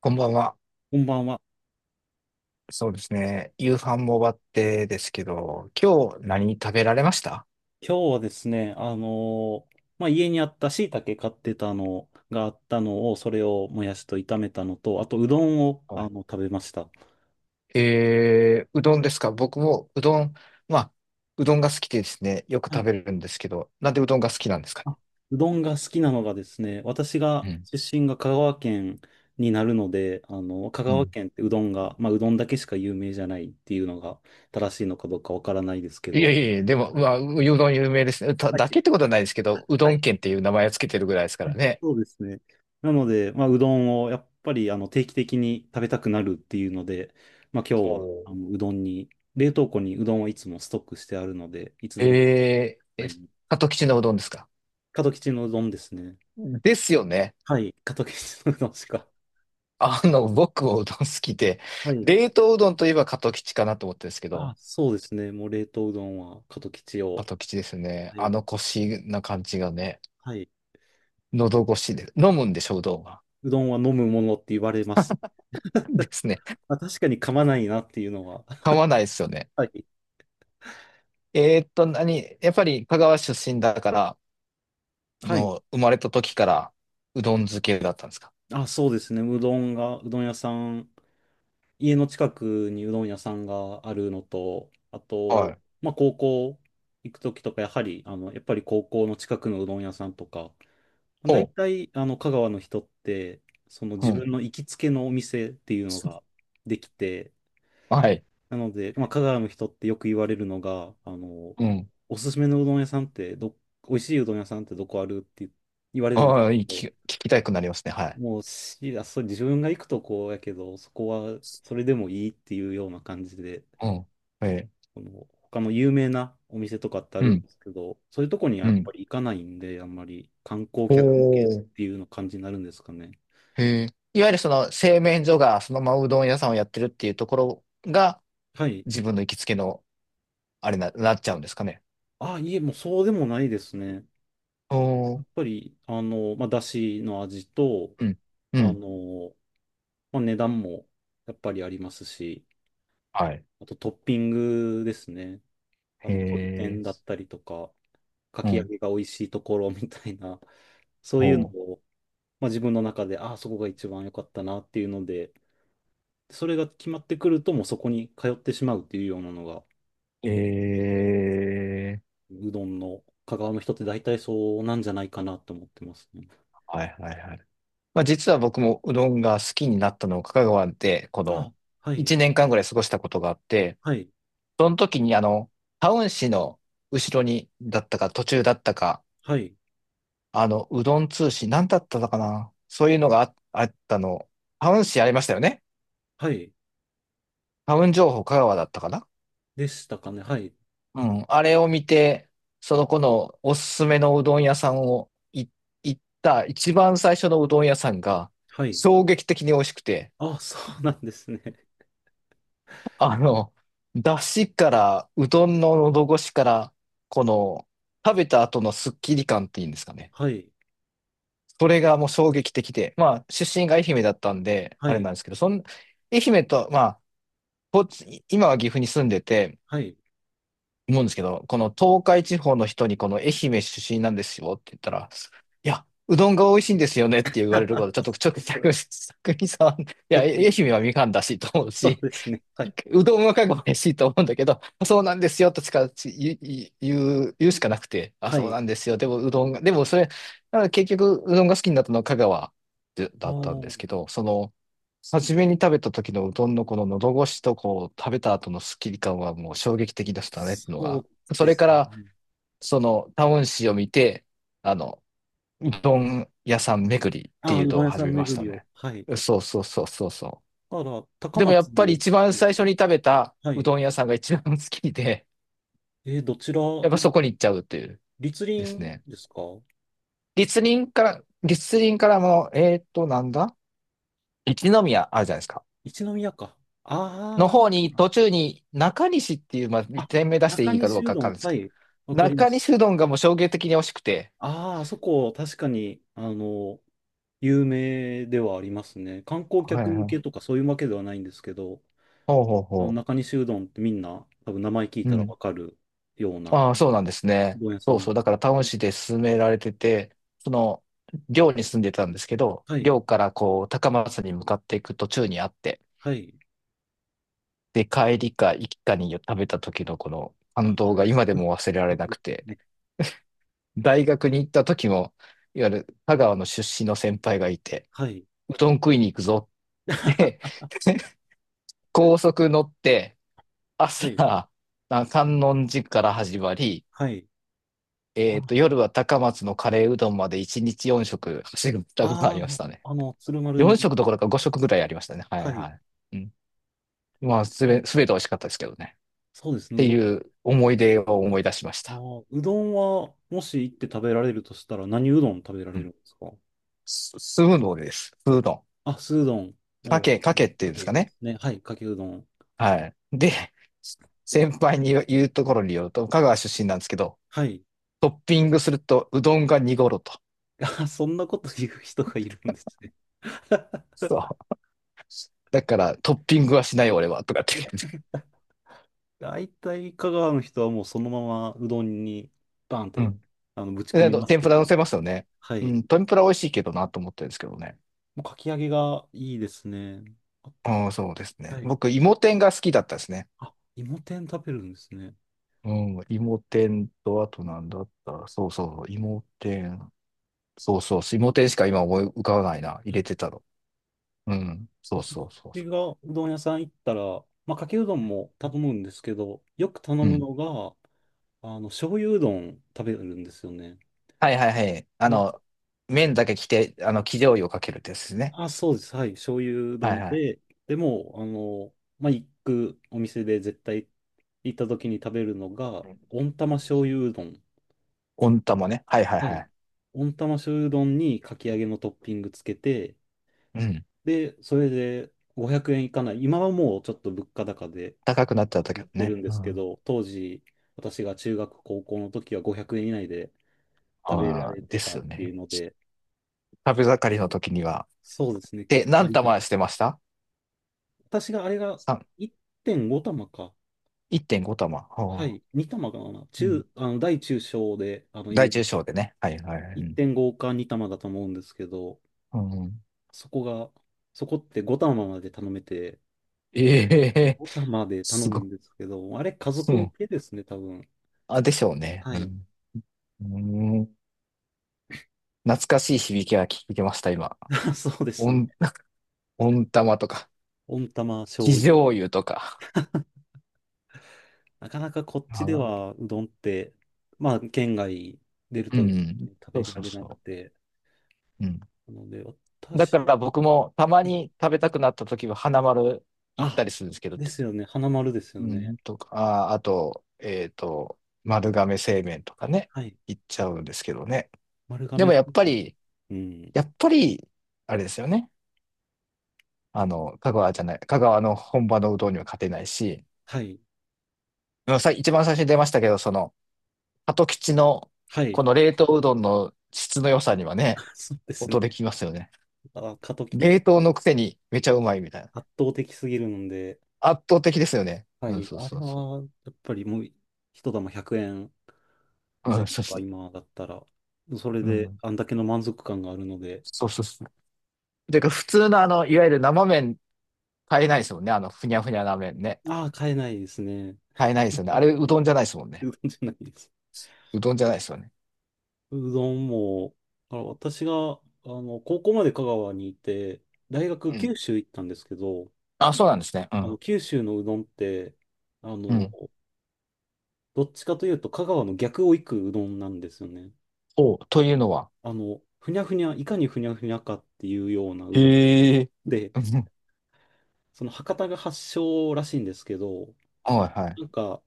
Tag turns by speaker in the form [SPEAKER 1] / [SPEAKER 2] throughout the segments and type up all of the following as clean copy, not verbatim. [SPEAKER 1] こんばんは。
[SPEAKER 2] こんばんは。
[SPEAKER 1] そうですね。夕飯も終わってですけど、今日何食べられました？
[SPEAKER 2] 今日はですね、家にあった椎茸買ってたのがあったのを、それをもやしと炒めたのと、あとうどんを
[SPEAKER 1] はい。
[SPEAKER 2] 食べました。
[SPEAKER 1] うどんですか？僕もうどん、まあ、うどんが好きでですね、よく
[SPEAKER 2] は
[SPEAKER 1] 食
[SPEAKER 2] い。
[SPEAKER 1] べるんですけど、なんでうどんが好きなんですか
[SPEAKER 2] あ、うどんが好きなのがですね、私が
[SPEAKER 1] ね？
[SPEAKER 2] 出身が香川県になるので、香
[SPEAKER 1] うん。う
[SPEAKER 2] 川
[SPEAKER 1] ん。
[SPEAKER 2] 県ってうどんが、まあ、うどんだけしか有名じゃないっていうのが正しいのかどうかわからないですけ
[SPEAKER 1] いや
[SPEAKER 2] ど、
[SPEAKER 1] いやいや、でも、まあ、うどん有名ですね。た
[SPEAKER 2] はい
[SPEAKER 1] だ
[SPEAKER 2] は
[SPEAKER 1] けってこ
[SPEAKER 2] い、
[SPEAKER 1] とはないですけど、うどん県っていう名前をつけてるぐらいですからね。
[SPEAKER 2] そうですね。なので、まあ、うどんをやっぱり定期的に食べたくなるっていうので、まあ、今
[SPEAKER 1] お
[SPEAKER 2] 日は
[SPEAKER 1] ー、
[SPEAKER 2] うどんに、冷凍庫にうどんをいつもストックしてあるので、いつでも食べ
[SPEAKER 1] えー、
[SPEAKER 2] た
[SPEAKER 1] え、
[SPEAKER 2] い。
[SPEAKER 1] 鳩吉のうどんですか？
[SPEAKER 2] 門吉のうどんですね。
[SPEAKER 1] ですよね。
[SPEAKER 2] はい、門吉のうどんしか。
[SPEAKER 1] 僕もうどん好きで、
[SPEAKER 2] はい。
[SPEAKER 1] 冷凍うどんといえば加藤吉かなと思ったんですけ
[SPEAKER 2] あ、
[SPEAKER 1] ど、
[SPEAKER 2] そうですね。もう冷凍うどんは門吉
[SPEAKER 1] 加
[SPEAKER 2] を
[SPEAKER 1] 藤吉ですね。
[SPEAKER 2] 買えば。
[SPEAKER 1] 腰な感じがね、
[SPEAKER 2] はい。
[SPEAKER 1] 喉越しで、飲むんでしょ、うどんは。
[SPEAKER 2] うどんは飲むものって言われます。
[SPEAKER 1] ですね。
[SPEAKER 2] まあ、確かに噛まないなっていうのは。
[SPEAKER 1] 噛まないですよね。
[SPEAKER 2] はい。
[SPEAKER 1] 何、やっぱり香川出身だから、
[SPEAKER 2] はい。
[SPEAKER 1] 生まれた時からうどん漬けだったんですか？
[SPEAKER 2] あ、そうですね。うどんが、うどん屋さん家の近くにうどん屋さんがあるのと、あ
[SPEAKER 1] は
[SPEAKER 2] と、
[SPEAKER 1] い。
[SPEAKER 2] まあ、高校行くときとか、やはり、やっぱり高校の近くのうどん屋さんとか、まあ
[SPEAKER 1] お
[SPEAKER 2] 大
[SPEAKER 1] う、
[SPEAKER 2] 体、香川の人って、その
[SPEAKER 1] う
[SPEAKER 2] 自
[SPEAKER 1] ん。
[SPEAKER 2] 分の行きつけのお店っていうのができて、
[SPEAKER 1] はい。
[SPEAKER 2] なので、まあ、香川の人ってよく言われるのが、
[SPEAKER 1] うん。
[SPEAKER 2] おすすめのうどん屋さんって美味しいうどん屋さんってどこあるって言われるんで
[SPEAKER 1] あ
[SPEAKER 2] す
[SPEAKER 1] あ、いい
[SPEAKER 2] け
[SPEAKER 1] 聞き、
[SPEAKER 2] ど、
[SPEAKER 1] 聞きたくなりますね。はい。
[SPEAKER 2] もうし、あ、そう、自分が行くとこやけど、そこはそれでもいいっていうような感じで、
[SPEAKER 1] うん。え
[SPEAKER 2] この他の有名なお店とかってあ
[SPEAKER 1] う
[SPEAKER 2] るん
[SPEAKER 1] ん。
[SPEAKER 2] ですけど、そういうとこには
[SPEAKER 1] う
[SPEAKER 2] やっ
[SPEAKER 1] ん。
[SPEAKER 2] ぱり行かないんで、あんまり観光
[SPEAKER 1] お
[SPEAKER 2] 客向けっ
[SPEAKER 1] ー、
[SPEAKER 2] ていうの感じになるんですかね。
[SPEAKER 1] へえ。いわゆるその製麺所がそのままうどん屋さんをやってるっていうところが
[SPEAKER 2] はい。
[SPEAKER 1] 自分の行きつけのあれなっちゃうんですかね。
[SPEAKER 2] あ、いえ、もうそうでもないですね。や
[SPEAKER 1] おー。
[SPEAKER 2] っぱり、まあ、だしの味と、
[SPEAKER 1] うん。う
[SPEAKER 2] あ
[SPEAKER 1] ん。
[SPEAKER 2] の、まあ、値段もやっぱりありますし、
[SPEAKER 1] はい。
[SPEAKER 2] あとトッピングですね。
[SPEAKER 1] へ
[SPEAKER 2] 鶏
[SPEAKER 1] え。
[SPEAKER 2] 天だったりとか、か
[SPEAKER 1] う
[SPEAKER 2] き揚
[SPEAKER 1] ん。
[SPEAKER 2] げが美味しいところみたいな、そう
[SPEAKER 1] ほ
[SPEAKER 2] いうのを、まあ、自分の中で、ああ、そこが一番良かったなっていうので、それが決まってくると、もうそこに通ってしまうっていうようなのが、
[SPEAKER 1] う。ええ。
[SPEAKER 2] うどんの香川の人って大体そうなんじゃないかなと思ってますね。
[SPEAKER 1] はいはいはい。まあ実は僕もうどんが好きになったのを香川でこ
[SPEAKER 2] あ、
[SPEAKER 1] の
[SPEAKER 2] はい、
[SPEAKER 1] 1年間ぐらい過ごしたことがあって、
[SPEAKER 2] はい、
[SPEAKER 1] その時にタウン市の後ろにだったか途中だったか
[SPEAKER 2] はい、
[SPEAKER 1] うどん通信、なんだったのかな、そういうのがあったの。タウン誌ありましたよね。
[SPEAKER 2] はい、
[SPEAKER 1] タウン情報香川だったかな。
[SPEAKER 2] でしたかね。はい、
[SPEAKER 1] うん。あれを見て、その子のおすすめのうどん屋さんを行った一番最初のうどん屋さんが
[SPEAKER 2] はい。
[SPEAKER 1] 衝撃的に美味しくて、
[SPEAKER 2] あ、そうなんですね。
[SPEAKER 1] あの、だしから、うどんの喉越しから、この、食べた後のスッキリ感っていうんですかね。
[SPEAKER 2] はい、
[SPEAKER 1] それがもう衝撃的で、まあ、出身が愛媛だったんで、
[SPEAKER 2] は
[SPEAKER 1] あれ
[SPEAKER 2] い、
[SPEAKER 1] なんですけど、愛媛と、まあ、こっち、今は岐阜に住んでて、
[SPEAKER 2] はい。
[SPEAKER 1] 思うんですけど、この東海地方の人にこの愛媛出身なんですよって言ったら、いや、うどんが美味しいんですよねって言われること、ちょっと、ち ょっと、逆に、逆にさ、いや、愛媛はみかんだしと思う
[SPEAKER 2] そう
[SPEAKER 1] し、
[SPEAKER 2] ですね。はい、
[SPEAKER 1] うどんはかが美味しいと思うんだけど、そうなんですよとしか言うしかなくて、あ、
[SPEAKER 2] は
[SPEAKER 1] そう
[SPEAKER 2] い。
[SPEAKER 1] なんですよ。でもうどんが、でもそれ、だから結局うどんが好きになったのは香川で
[SPEAKER 2] あ
[SPEAKER 1] だったんで
[SPEAKER 2] あ、
[SPEAKER 1] すけど、その、初めに食べた時のうどんのこの喉越しとこう食べた後のスッキリ感はもう衝撃的でしたねっていうの
[SPEAKER 2] そう
[SPEAKER 1] が。そ
[SPEAKER 2] で
[SPEAKER 1] れか
[SPEAKER 2] す
[SPEAKER 1] ら
[SPEAKER 2] ね。
[SPEAKER 1] そのタウン誌を見て、あの、うどん屋さん巡りって
[SPEAKER 2] ああ、
[SPEAKER 1] いう
[SPEAKER 2] うど
[SPEAKER 1] の
[SPEAKER 2] ん
[SPEAKER 1] を
[SPEAKER 2] 屋さ
[SPEAKER 1] 始
[SPEAKER 2] ん
[SPEAKER 1] めまし
[SPEAKER 2] 巡
[SPEAKER 1] た
[SPEAKER 2] りを。
[SPEAKER 1] ね。
[SPEAKER 2] はい。
[SPEAKER 1] そうそうそうそうそう。
[SPEAKER 2] だから、高
[SPEAKER 1] でもやっ
[SPEAKER 2] 松で、
[SPEAKER 1] ぱり一番最初に食べた
[SPEAKER 2] は
[SPEAKER 1] う
[SPEAKER 2] い。
[SPEAKER 1] どん屋さんが一番好きで、
[SPEAKER 2] どちら の
[SPEAKER 1] やっぱそこに行っちゃうっていう、
[SPEAKER 2] 立
[SPEAKER 1] です
[SPEAKER 2] 林
[SPEAKER 1] ね。
[SPEAKER 2] ですか？
[SPEAKER 1] 立林から、立林からも、なんだ、一宮あるじゃないですか。
[SPEAKER 2] 一宮か。あ
[SPEAKER 1] の
[SPEAKER 2] あ、あれ
[SPEAKER 1] 方
[SPEAKER 2] か
[SPEAKER 1] に、
[SPEAKER 2] な。
[SPEAKER 1] 途中に中西っていう、まあ、
[SPEAKER 2] あ、
[SPEAKER 1] 店名出して
[SPEAKER 2] 中
[SPEAKER 1] いいかど
[SPEAKER 2] 西
[SPEAKER 1] う
[SPEAKER 2] う
[SPEAKER 1] かわ
[SPEAKER 2] ど
[SPEAKER 1] か
[SPEAKER 2] ん。
[SPEAKER 1] んないです
[SPEAKER 2] は
[SPEAKER 1] けど、
[SPEAKER 2] い。わかりま
[SPEAKER 1] 中
[SPEAKER 2] す。
[SPEAKER 1] 西うどんがもう衝撃的に美味しくて。
[SPEAKER 2] ああ、あそこ、確かに、有名ではありますね。観光
[SPEAKER 1] はい
[SPEAKER 2] 客向
[SPEAKER 1] は
[SPEAKER 2] けと
[SPEAKER 1] い。
[SPEAKER 2] かそういうわけではないんですけど、
[SPEAKER 1] ほうほう
[SPEAKER 2] あの
[SPEAKER 1] ほ
[SPEAKER 2] 中西うどんってみんな、多分名前聞い
[SPEAKER 1] う。う
[SPEAKER 2] たら
[SPEAKER 1] ん。
[SPEAKER 2] わかるようなう
[SPEAKER 1] ああ、そうなんですね。
[SPEAKER 2] どん屋さ
[SPEAKER 1] そう
[SPEAKER 2] ん。
[SPEAKER 1] そう。だから、タウン市で勧められてて、その、寮に住んでたんですけど、
[SPEAKER 2] はい、
[SPEAKER 1] 寮から高松に向かっていく途中にあって、
[SPEAKER 2] はい。
[SPEAKER 1] で帰りか行きかに食べた時のこの感
[SPEAKER 2] あ、
[SPEAKER 1] 動が今でも忘れられ
[SPEAKER 2] そ
[SPEAKER 1] な
[SPEAKER 2] う
[SPEAKER 1] く
[SPEAKER 2] で
[SPEAKER 1] て、
[SPEAKER 2] すね。
[SPEAKER 1] 大学に行った時も、いわゆる香川の出身の先輩がいて、
[SPEAKER 2] はい、
[SPEAKER 1] うどん食いに行くぞって 高速乗って、
[SPEAKER 2] はい、
[SPEAKER 1] 朝、観音寺から始まり、
[SPEAKER 2] はい。あ、
[SPEAKER 1] 夜は高松のカレーうどんまで1日4食走ったことあり
[SPEAKER 2] あ
[SPEAKER 1] ましたね。
[SPEAKER 2] あ、鶴丸
[SPEAKER 1] 4
[SPEAKER 2] に、
[SPEAKER 1] 食どころか5食ぐらいありましたね。はい
[SPEAKER 2] はい。
[SPEAKER 1] はい。うん、まあ、すべて美味しかったですけどね。
[SPEAKER 2] そうです
[SPEAKER 1] っ
[SPEAKER 2] ね、う
[SPEAKER 1] て
[SPEAKER 2] どん。
[SPEAKER 1] いう思い出を思い出しました。
[SPEAKER 2] うどんは、もし行って食べられるとしたら、何うどん食べら
[SPEAKER 1] う
[SPEAKER 2] れる
[SPEAKER 1] ん、
[SPEAKER 2] んですか
[SPEAKER 1] 酢うです。酢うどん。
[SPEAKER 2] あ、酢うどん
[SPEAKER 1] か
[SPEAKER 2] を、
[SPEAKER 1] け、かけっていう
[SPEAKER 2] か
[SPEAKER 1] んです
[SPEAKER 2] け
[SPEAKER 1] か
[SPEAKER 2] で
[SPEAKER 1] ね。
[SPEAKER 2] すね。はい、かけうどん。
[SPEAKER 1] はい。で、先輩に言うところによると、香川出身なんですけど、
[SPEAKER 2] はい。
[SPEAKER 1] トッピングするとうどんが濁ると。
[SPEAKER 2] あ、そんなこと言う人がいるんですね。
[SPEAKER 1] そう。だからトッピングはしないよ俺は、とかって
[SPEAKER 2] で
[SPEAKER 1] 言ってて。
[SPEAKER 2] 大体、香川の人はもうそのままうどんに、バンっ
[SPEAKER 1] う
[SPEAKER 2] て、
[SPEAKER 1] ん。
[SPEAKER 2] ぶち込
[SPEAKER 1] で、あ
[SPEAKER 2] み
[SPEAKER 1] と
[SPEAKER 2] ます
[SPEAKER 1] 天
[SPEAKER 2] け
[SPEAKER 1] ぷら
[SPEAKER 2] ど
[SPEAKER 1] 乗せま
[SPEAKER 2] ね。
[SPEAKER 1] すよね。
[SPEAKER 2] は
[SPEAKER 1] う
[SPEAKER 2] い。
[SPEAKER 1] ん、天ぷら美味しいけどなと思ってるんですけどね。
[SPEAKER 2] もうかき揚げがいいですね。あ
[SPEAKER 1] うん、そうですね。
[SPEAKER 2] はい。
[SPEAKER 1] 僕、芋天が好きだったですね。
[SPEAKER 2] あ、芋天食べるんですね。
[SPEAKER 1] うん、芋天と、あとなんだった、そうそう、芋天。そうそう、芋天しか今思い浮かばないな。入れてたの。うん。そう
[SPEAKER 2] 私
[SPEAKER 1] そうそうそ
[SPEAKER 2] がうどん屋さん行ったら、まあ、かけうどんも頼むんですけど、よく頼
[SPEAKER 1] う。う
[SPEAKER 2] む
[SPEAKER 1] ん。
[SPEAKER 2] のが、醤油うどん食べるんですよね。
[SPEAKER 1] はいはいはい。
[SPEAKER 2] で、
[SPEAKER 1] 麺だけ着て、生醤油をかけるってやつですね。
[SPEAKER 2] あ、そうです。はい。醤油うど
[SPEAKER 1] は
[SPEAKER 2] ん
[SPEAKER 1] いはい。
[SPEAKER 2] で、でも、まあ、行くお店で絶対行った時に食べるのが、
[SPEAKER 1] うん
[SPEAKER 2] 温
[SPEAKER 1] う
[SPEAKER 2] 玉
[SPEAKER 1] ん、
[SPEAKER 2] 醤油うどん。
[SPEAKER 1] 温玉ね。はいはい
[SPEAKER 2] は
[SPEAKER 1] は
[SPEAKER 2] い。
[SPEAKER 1] い。
[SPEAKER 2] 温玉醤油うどんにかき揚げのトッピングつけて、
[SPEAKER 1] うん。
[SPEAKER 2] で、それで500円いかない。今はもうちょっと物価高で、
[SPEAKER 1] 高くなっちゃったけ
[SPEAKER 2] や
[SPEAKER 1] ど
[SPEAKER 2] ってる
[SPEAKER 1] ね。
[SPEAKER 2] んで
[SPEAKER 1] う
[SPEAKER 2] すけ
[SPEAKER 1] ん。
[SPEAKER 2] ど、当時、私が中学、高校の時は500円以内で食べら
[SPEAKER 1] ああ、
[SPEAKER 2] れて
[SPEAKER 1] で
[SPEAKER 2] た
[SPEAKER 1] す
[SPEAKER 2] っ
[SPEAKER 1] よ
[SPEAKER 2] てい
[SPEAKER 1] ね。
[SPEAKER 2] うので、
[SPEAKER 1] 食べ盛りの時には。
[SPEAKER 2] そうですね、
[SPEAKER 1] で、
[SPEAKER 2] 結構あ
[SPEAKER 1] 何
[SPEAKER 2] りがた
[SPEAKER 1] 玉してました？
[SPEAKER 2] 私があれが
[SPEAKER 1] 三
[SPEAKER 2] 1.5玉か。
[SPEAKER 1] 1.5玉。
[SPEAKER 2] は
[SPEAKER 1] はあ、
[SPEAKER 2] い、2玉かな。
[SPEAKER 1] うん。
[SPEAKER 2] 大中小で、
[SPEAKER 1] 大中小でね。はいはい。はい、うん。
[SPEAKER 2] 1.5か2玉だと思うんですけど、
[SPEAKER 1] うん、
[SPEAKER 2] そこが、そこって5玉まで頼めて、
[SPEAKER 1] ええ。
[SPEAKER 2] 5玉 で頼
[SPEAKER 1] す
[SPEAKER 2] む
[SPEAKER 1] ごい。
[SPEAKER 2] んですけど、あれ家
[SPEAKER 1] う
[SPEAKER 2] 族向
[SPEAKER 1] ん。
[SPEAKER 2] けですね、多分。
[SPEAKER 1] あ、でしょうね。
[SPEAKER 2] は
[SPEAKER 1] う
[SPEAKER 2] い。
[SPEAKER 1] ん。うん、懐かしい響きが聞けました、今。
[SPEAKER 2] そうですね。
[SPEAKER 1] 温温玉とか、
[SPEAKER 2] 温玉
[SPEAKER 1] 生
[SPEAKER 2] 醤油
[SPEAKER 1] 醤油とか。
[SPEAKER 2] なかなかこっちで
[SPEAKER 1] あ、
[SPEAKER 2] はうどんって、まあ、県外出る
[SPEAKER 1] う
[SPEAKER 2] とね
[SPEAKER 1] ん。
[SPEAKER 2] 食
[SPEAKER 1] そ
[SPEAKER 2] べ
[SPEAKER 1] う
[SPEAKER 2] ら
[SPEAKER 1] そう
[SPEAKER 2] れなく
[SPEAKER 1] そ
[SPEAKER 2] て、
[SPEAKER 1] う。うん。
[SPEAKER 2] なので、
[SPEAKER 1] だ
[SPEAKER 2] 私
[SPEAKER 1] か
[SPEAKER 2] は、
[SPEAKER 1] ら僕もたまに食べたくなった時は花丸行った
[SPEAKER 2] あ、
[SPEAKER 1] りするんですけど、
[SPEAKER 2] ですよね、花丸ですよ
[SPEAKER 1] う
[SPEAKER 2] ね。
[SPEAKER 1] ん、とか、あ、あと、丸亀製麺とかね、
[SPEAKER 2] はい。
[SPEAKER 1] 行っちゃうんですけどね。
[SPEAKER 2] 丸
[SPEAKER 1] で
[SPEAKER 2] 亀
[SPEAKER 1] も
[SPEAKER 2] 製
[SPEAKER 1] やっぱ
[SPEAKER 2] 麺。
[SPEAKER 1] り、
[SPEAKER 2] うん。
[SPEAKER 1] やっぱり、あれですよね。香川じゃない、香川の本場のうどんには勝てないし、
[SPEAKER 2] はい。
[SPEAKER 1] うんさ、一番最初に出ましたけど、その、鳩吉の
[SPEAKER 2] はい。
[SPEAKER 1] この冷凍うどんの質の良さにはね、
[SPEAKER 2] そうです
[SPEAKER 1] 音
[SPEAKER 2] ね。
[SPEAKER 1] で聞きますよね。
[SPEAKER 2] あ、過渡期
[SPEAKER 1] 冷凍
[SPEAKER 2] が
[SPEAKER 1] のくせにめちゃうまいみたいな。
[SPEAKER 2] 圧倒的すぎるので、
[SPEAKER 1] 圧倒的ですよね。
[SPEAKER 2] は
[SPEAKER 1] うん、
[SPEAKER 2] い。
[SPEAKER 1] そう
[SPEAKER 2] あれ
[SPEAKER 1] そうそ
[SPEAKER 2] は、やっぱりもう、一玉100円
[SPEAKER 1] う。う
[SPEAKER 2] 前
[SPEAKER 1] ん、そう
[SPEAKER 2] 後
[SPEAKER 1] そ
[SPEAKER 2] か、
[SPEAKER 1] う。
[SPEAKER 2] 今だったら。それ
[SPEAKER 1] う
[SPEAKER 2] で、
[SPEAKER 1] ん。
[SPEAKER 2] あんだけの満足感があるので、
[SPEAKER 1] そうそうそう。てか、普通のいわゆる生麺買えないですもんね。ふにゃふにゃな麺ね。
[SPEAKER 2] ああ、買えないですね。
[SPEAKER 1] 買えないですよね。あ
[SPEAKER 2] あ
[SPEAKER 1] れ、う
[SPEAKER 2] はい。
[SPEAKER 1] どんじゃないですもん ね。
[SPEAKER 2] うどんじゃないです。
[SPEAKER 1] うどんじゃないですよね。
[SPEAKER 2] うどんも、私が、高校まで香川にいて、大学
[SPEAKER 1] う
[SPEAKER 2] 九
[SPEAKER 1] ん。
[SPEAKER 2] 州行ったんですけど、
[SPEAKER 1] あ、そうなんですね。うん。
[SPEAKER 2] 九州のうどんって、あ
[SPEAKER 1] う
[SPEAKER 2] の、
[SPEAKER 1] ん。
[SPEAKER 2] どっちかというと香川の逆を行くうどんなんですよね。
[SPEAKER 1] お、というのは。
[SPEAKER 2] ふにゃふにゃ、いかにふにゃふにゃかっていうようなうどん。
[SPEAKER 1] へえ。
[SPEAKER 2] で、
[SPEAKER 1] うん。
[SPEAKER 2] その博多が発祥らしいんですけど、
[SPEAKER 1] はいはい。
[SPEAKER 2] なんか、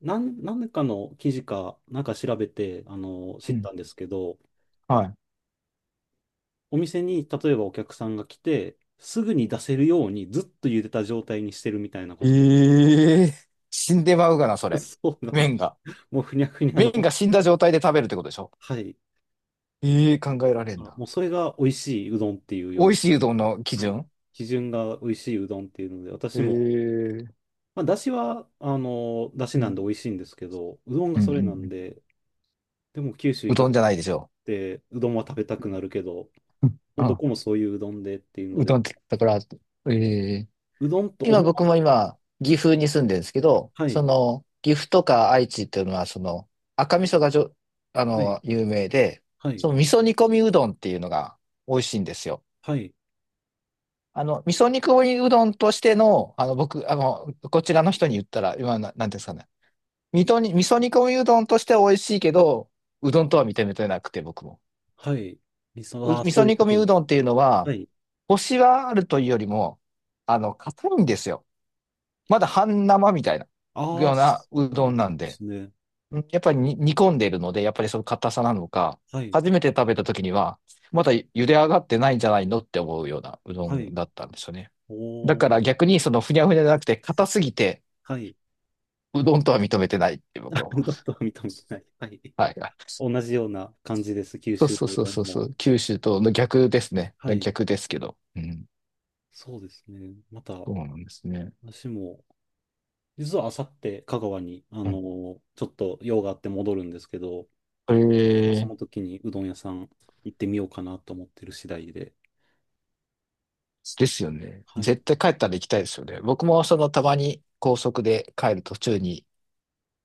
[SPEAKER 2] 何かの記事か、なんか調べて、
[SPEAKER 1] う
[SPEAKER 2] 知っ
[SPEAKER 1] ん。
[SPEAKER 2] たんですけど、
[SPEAKER 1] は
[SPEAKER 2] お店に、例えばお客さんが来て、すぐに出せるようにずっと茹でた状態にしてるみたいなこ
[SPEAKER 1] い。
[SPEAKER 2] と。
[SPEAKER 1] ええ。死んでまうがな、そ れ。
[SPEAKER 2] そうなんです。
[SPEAKER 1] 麺が。
[SPEAKER 2] もうふにゃふにゃ
[SPEAKER 1] 麺
[SPEAKER 2] の、
[SPEAKER 1] が死んだ状態で食べるってことでしょ？
[SPEAKER 2] はい。
[SPEAKER 1] ええ、考えられん
[SPEAKER 2] あ
[SPEAKER 1] な。
[SPEAKER 2] もうそれが美味しいうどんっていう
[SPEAKER 1] 美
[SPEAKER 2] よう
[SPEAKER 1] 味しいうどんの基
[SPEAKER 2] な、はい。
[SPEAKER 1] 準、
[SPEAKER 2] 基準が美味しいうどんっていうので、
[SPEAKER 1] え
[SPEAKER 2] 私も、
[SPEAKER 1] ー、
[SPEAKER 2] まあ、だしは、だし
[SPEAKER 1] う
[SPEAKER 2] なん
[SPEAKER 1] ん。
[SPEAKER 2] で美味しいんですけど、うどん
[SPEAKER 1] う
[SPEAKER 2] が
[SPEAKER 1] んう
[SPEAKER 2] そ
[SPEAKER 1] ん
[SPEAKER 2] れ
[SPEAKER 1] う
[SPEAKER 2] なん
[SPEAKER 1] ん。
[SPEAKER 2] で、でも九州い
[SPEAKER 1] う
[SPEAKER 2] た
[SPEAKER 1] どん
[SPEAKER 2] と
[SPEAKER 1] じ
[SPEAKER 2] っ
[SPEAKER 1] ゃないでしょ
[SPEAKER 2] て、うどんは食べた
[SPEAKER 1] う？
[SPEAKER 2] くなるけど、
[SPEAKER 1] うん、
[SPEAKER 2] もう
[SPEAKER 1] う。
[SPEAKER 2] ど
[SPEAKER 1] う
[SPEAKER 2] こもそういううどんでっていうの
[SPEAKER 1] う
[SPEAKER 2] で、
[SPEAKER 1] どんって言ったから、えー
[SPEAKER 2] うどんと思
[SPEAKER 1] 今
[SPEAKER 2] わ
[SPEAKER 1] 僕も
[SPEAKER 2] ず、
[SPEAKER 1] 今、岐阜に住んでるんですけど、
[SPEAKER 2] は
[SPEAKER 1] そ
[SPEAKER 2] い、
[SPEAKER 1] の、岐阜とか愛知っていうのは、その、赤味噌が
[SPEAKER 2] はい、
[SPEAKER 1] 有名で、
[SPEAKER 2] は
[SPEAKER 1] そ
[SPEAKER 2] い、
[SPEAKER 1] の味噌煮込みうどんっていうのが美味しいんですよ。
[SPEAKER 2] はい。
[SPEAKER 1] 味噌煮込みうどんとしての、僕、こちらの人に言ったら、今なんていうんですかね。味噌煮込みうどんとしては美味しいけど、うどんとは認めてなくて、僕も。
[SPEAKER 2] はい。理想、あ
[SPEAKER 1] 味
[SPEAKER 2] あ、そ
[SPEAKER 1] 噌
[SPEAKER 2] ういう
[SPEAKER 1] 煮
[SPEAKER 2] こ
[SPEAKER 1] 込み
[SPEAKER 2] とで
[SPEAKER 1] う
[SPEAKER 2] す。
[SPEAKER 1] どんっていうのは、
[SPEAKER 2] はい。
[SPEAKER 1] コシはあるというよりも、硬いんですよ。まだ半生みたいな、
[SPEAKER 2] あ
[SPEAKER 1] よ
[SPEAKER 2] あ、
[SPEAKER 1] う
[SPEAKER 2] そ
[SPEAKER 1] なう
[SPEAKER 2] う
[SPEAKER 1] ど
[SPEAKER 2] な
[SPEAKER 1] ん
[SPEAKER 2] ん
[SPEAKER 1] なん
[SPEAKER 2] で
[SPEAKER 1] で。
[SPEAKER 2] すね。
[SPEAKER 1] うん、やっぱりに煮込んでいるので、やっぱりその硬さなのか、
[SPEAKER 2] はい。
[SPEAKER 1] 初めて食べた時には、まだ茹で上がってないんじゃないのって思うようなうど
[SPEAKER 2] はい。
[SPEAKER 1] んだったんですよね。だ
[SPEAKER 2] おー。
[SPEAKER 1] から逆にそのふにゃふにゃじゃなくて、硬すぎて、
[SPEAKER 2] はい。
[SPEAKER 1] うどんとは認めてないって 僕
[SPEAKER 2] あ
[SPEAKER 1] は思
[SPEAKER 2] どん
[SPEAKER 1] いま
[SPEAKER 2] どん
[SPEAKER 1] す。
[SPEAKER 2] 認めてない。はい。
[SPEAKER 1] はい。
[SPEAKER 2] 同じような感じです。九
[SPEAKER 1] そう
[SPEAKER 2] 州
[SPEAKER 1] そう
[SPEAKER 2] のう
[SPEAKER 1] そう
[SPEAKER 2] どん
[SPEAKER 1] そうそ
[SPEAKER 2] も。
[SPEAKER 1] う、九州との逆ですね。
[SPEAKER 2] はい。
[SPEAKER 1] 逆ですけど。うん。
[SPEAKER 2] そうですね。また、
[SPEAKER 1] そうなんですね。
[SPEAKER 2] 私も、実はあさって香川に、
[SPEAKER 1] う
[SPEAKER 2] ちょっと用があって戻るんですけど、
[SPEAKER 1] ん、
[SPEAKER 2] その時にうどん屋さん行ってみようかなと思ってる次第で。
[SPEAKER 1] ですよね。
[SPEAKER 2] はい。
[SPEAKER 1] 絶対帰ったら行きたいですよね。僕もそのたまに高速で帰る途中に、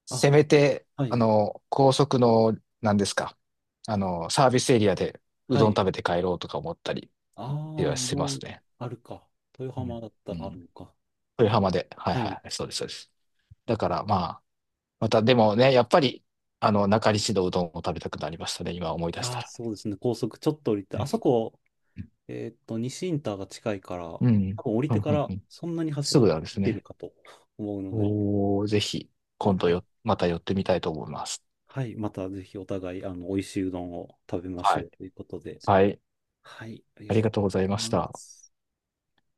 [SPEAKER 1] せ
[SPEAKER 2] あ、
[SPEAKER 1] めて、
[SPEAKER 2] はい。
[SPEAKER 1] 高速の、何ですか、サービスエリアでう
[SPEAKER 2] は
[SPEAKER 1] どん
[SPEAKER 2] い。
[SPEAKER 1] 食べて帰ろうとか思ったり
[SPEAKER 2] ああ、
[SPEAKER 1] は
[SPEAKER 2] う
[SPEAKER 1] し
[SPEAKER 2] ど
[SPEAKER 1] ます
[SPEAKER 2] ん
[SPEAKER 1] ね。
[SPEAKER 2] あるか。豊
[SPEAKER 1] う
[SPEAKER 2] 浜
[SPEAKER 1] ん。
[SPEAKER 2] だっ
[SPEAKER 1] う
[SPEAKER 2] たらある
[SPEAKER 1] ん。
[SPEAKER 2] のか。
[SPEAKER 1] 豊浜で。はい
[SPEAKER 2] はい。
[SPEAKER 1] はい。そうです、そうです。だからまあ、またでもね、やっぱり、中西のうどんを食べたくなりましたね。今思い出し
[SPEAKER 2] あ
[SPEAKER 1] た
[SPEAKER 2] あ、
[SPEAKER 1] ら。
[SPEAKER 2] そうですね。高速ちょっと降りて、
[SPEAKER 1] う
[SPEAKER 2] あ
[SPEAKER 1] ん。
[SPEAKER 2] そこ、西インターが近いから、多
[SPEAKER 1] うんうん
[SPEAKER 2] 分降りてか
[SPEAKER 1] うん
[SPEAKER 2] ら
[SPEAKER 1] うん、
[SPEAKER 2] そんなに走
[SPEAKER 1] す
[SPEAKER 2] ら
[SPEAKER 1] ぐ
[SPEAKER 2] ず
[SPEAKER 1] なんです
[SPEAKER 2] 行ける
[SPEAKER 1] ね。
[SPEAKER 2] かと思うので、
[SPEAKER 1] おー、ぜひ、今度
[SPEAKER 2] はい。
[SPEAKER 1] よ、また寄ってみたいと思います。
[SPEAKER 2] はい。またぜひお互い、美味しいうどんを食べまし
[SPEAKER 1] は
[SPEAKER 2] ょ
[SPEAKER 1] い。
[SPEAKER 2] うということで。
[SPEAKER 1] はい。
[SPEAKER 2] はい。あり
[SPEAKER 1] あ
[SPEAKER 2] が
[SPEAKER 1] り
[SPEAKER 2] とう
[SPEAKER 1] がとうございま
[SPEAKER 2] ござ
[SPEAKER 1] し
[SPEAKER 2] いま
[SPEAKER 1] た。
[SPEAKER 2] す。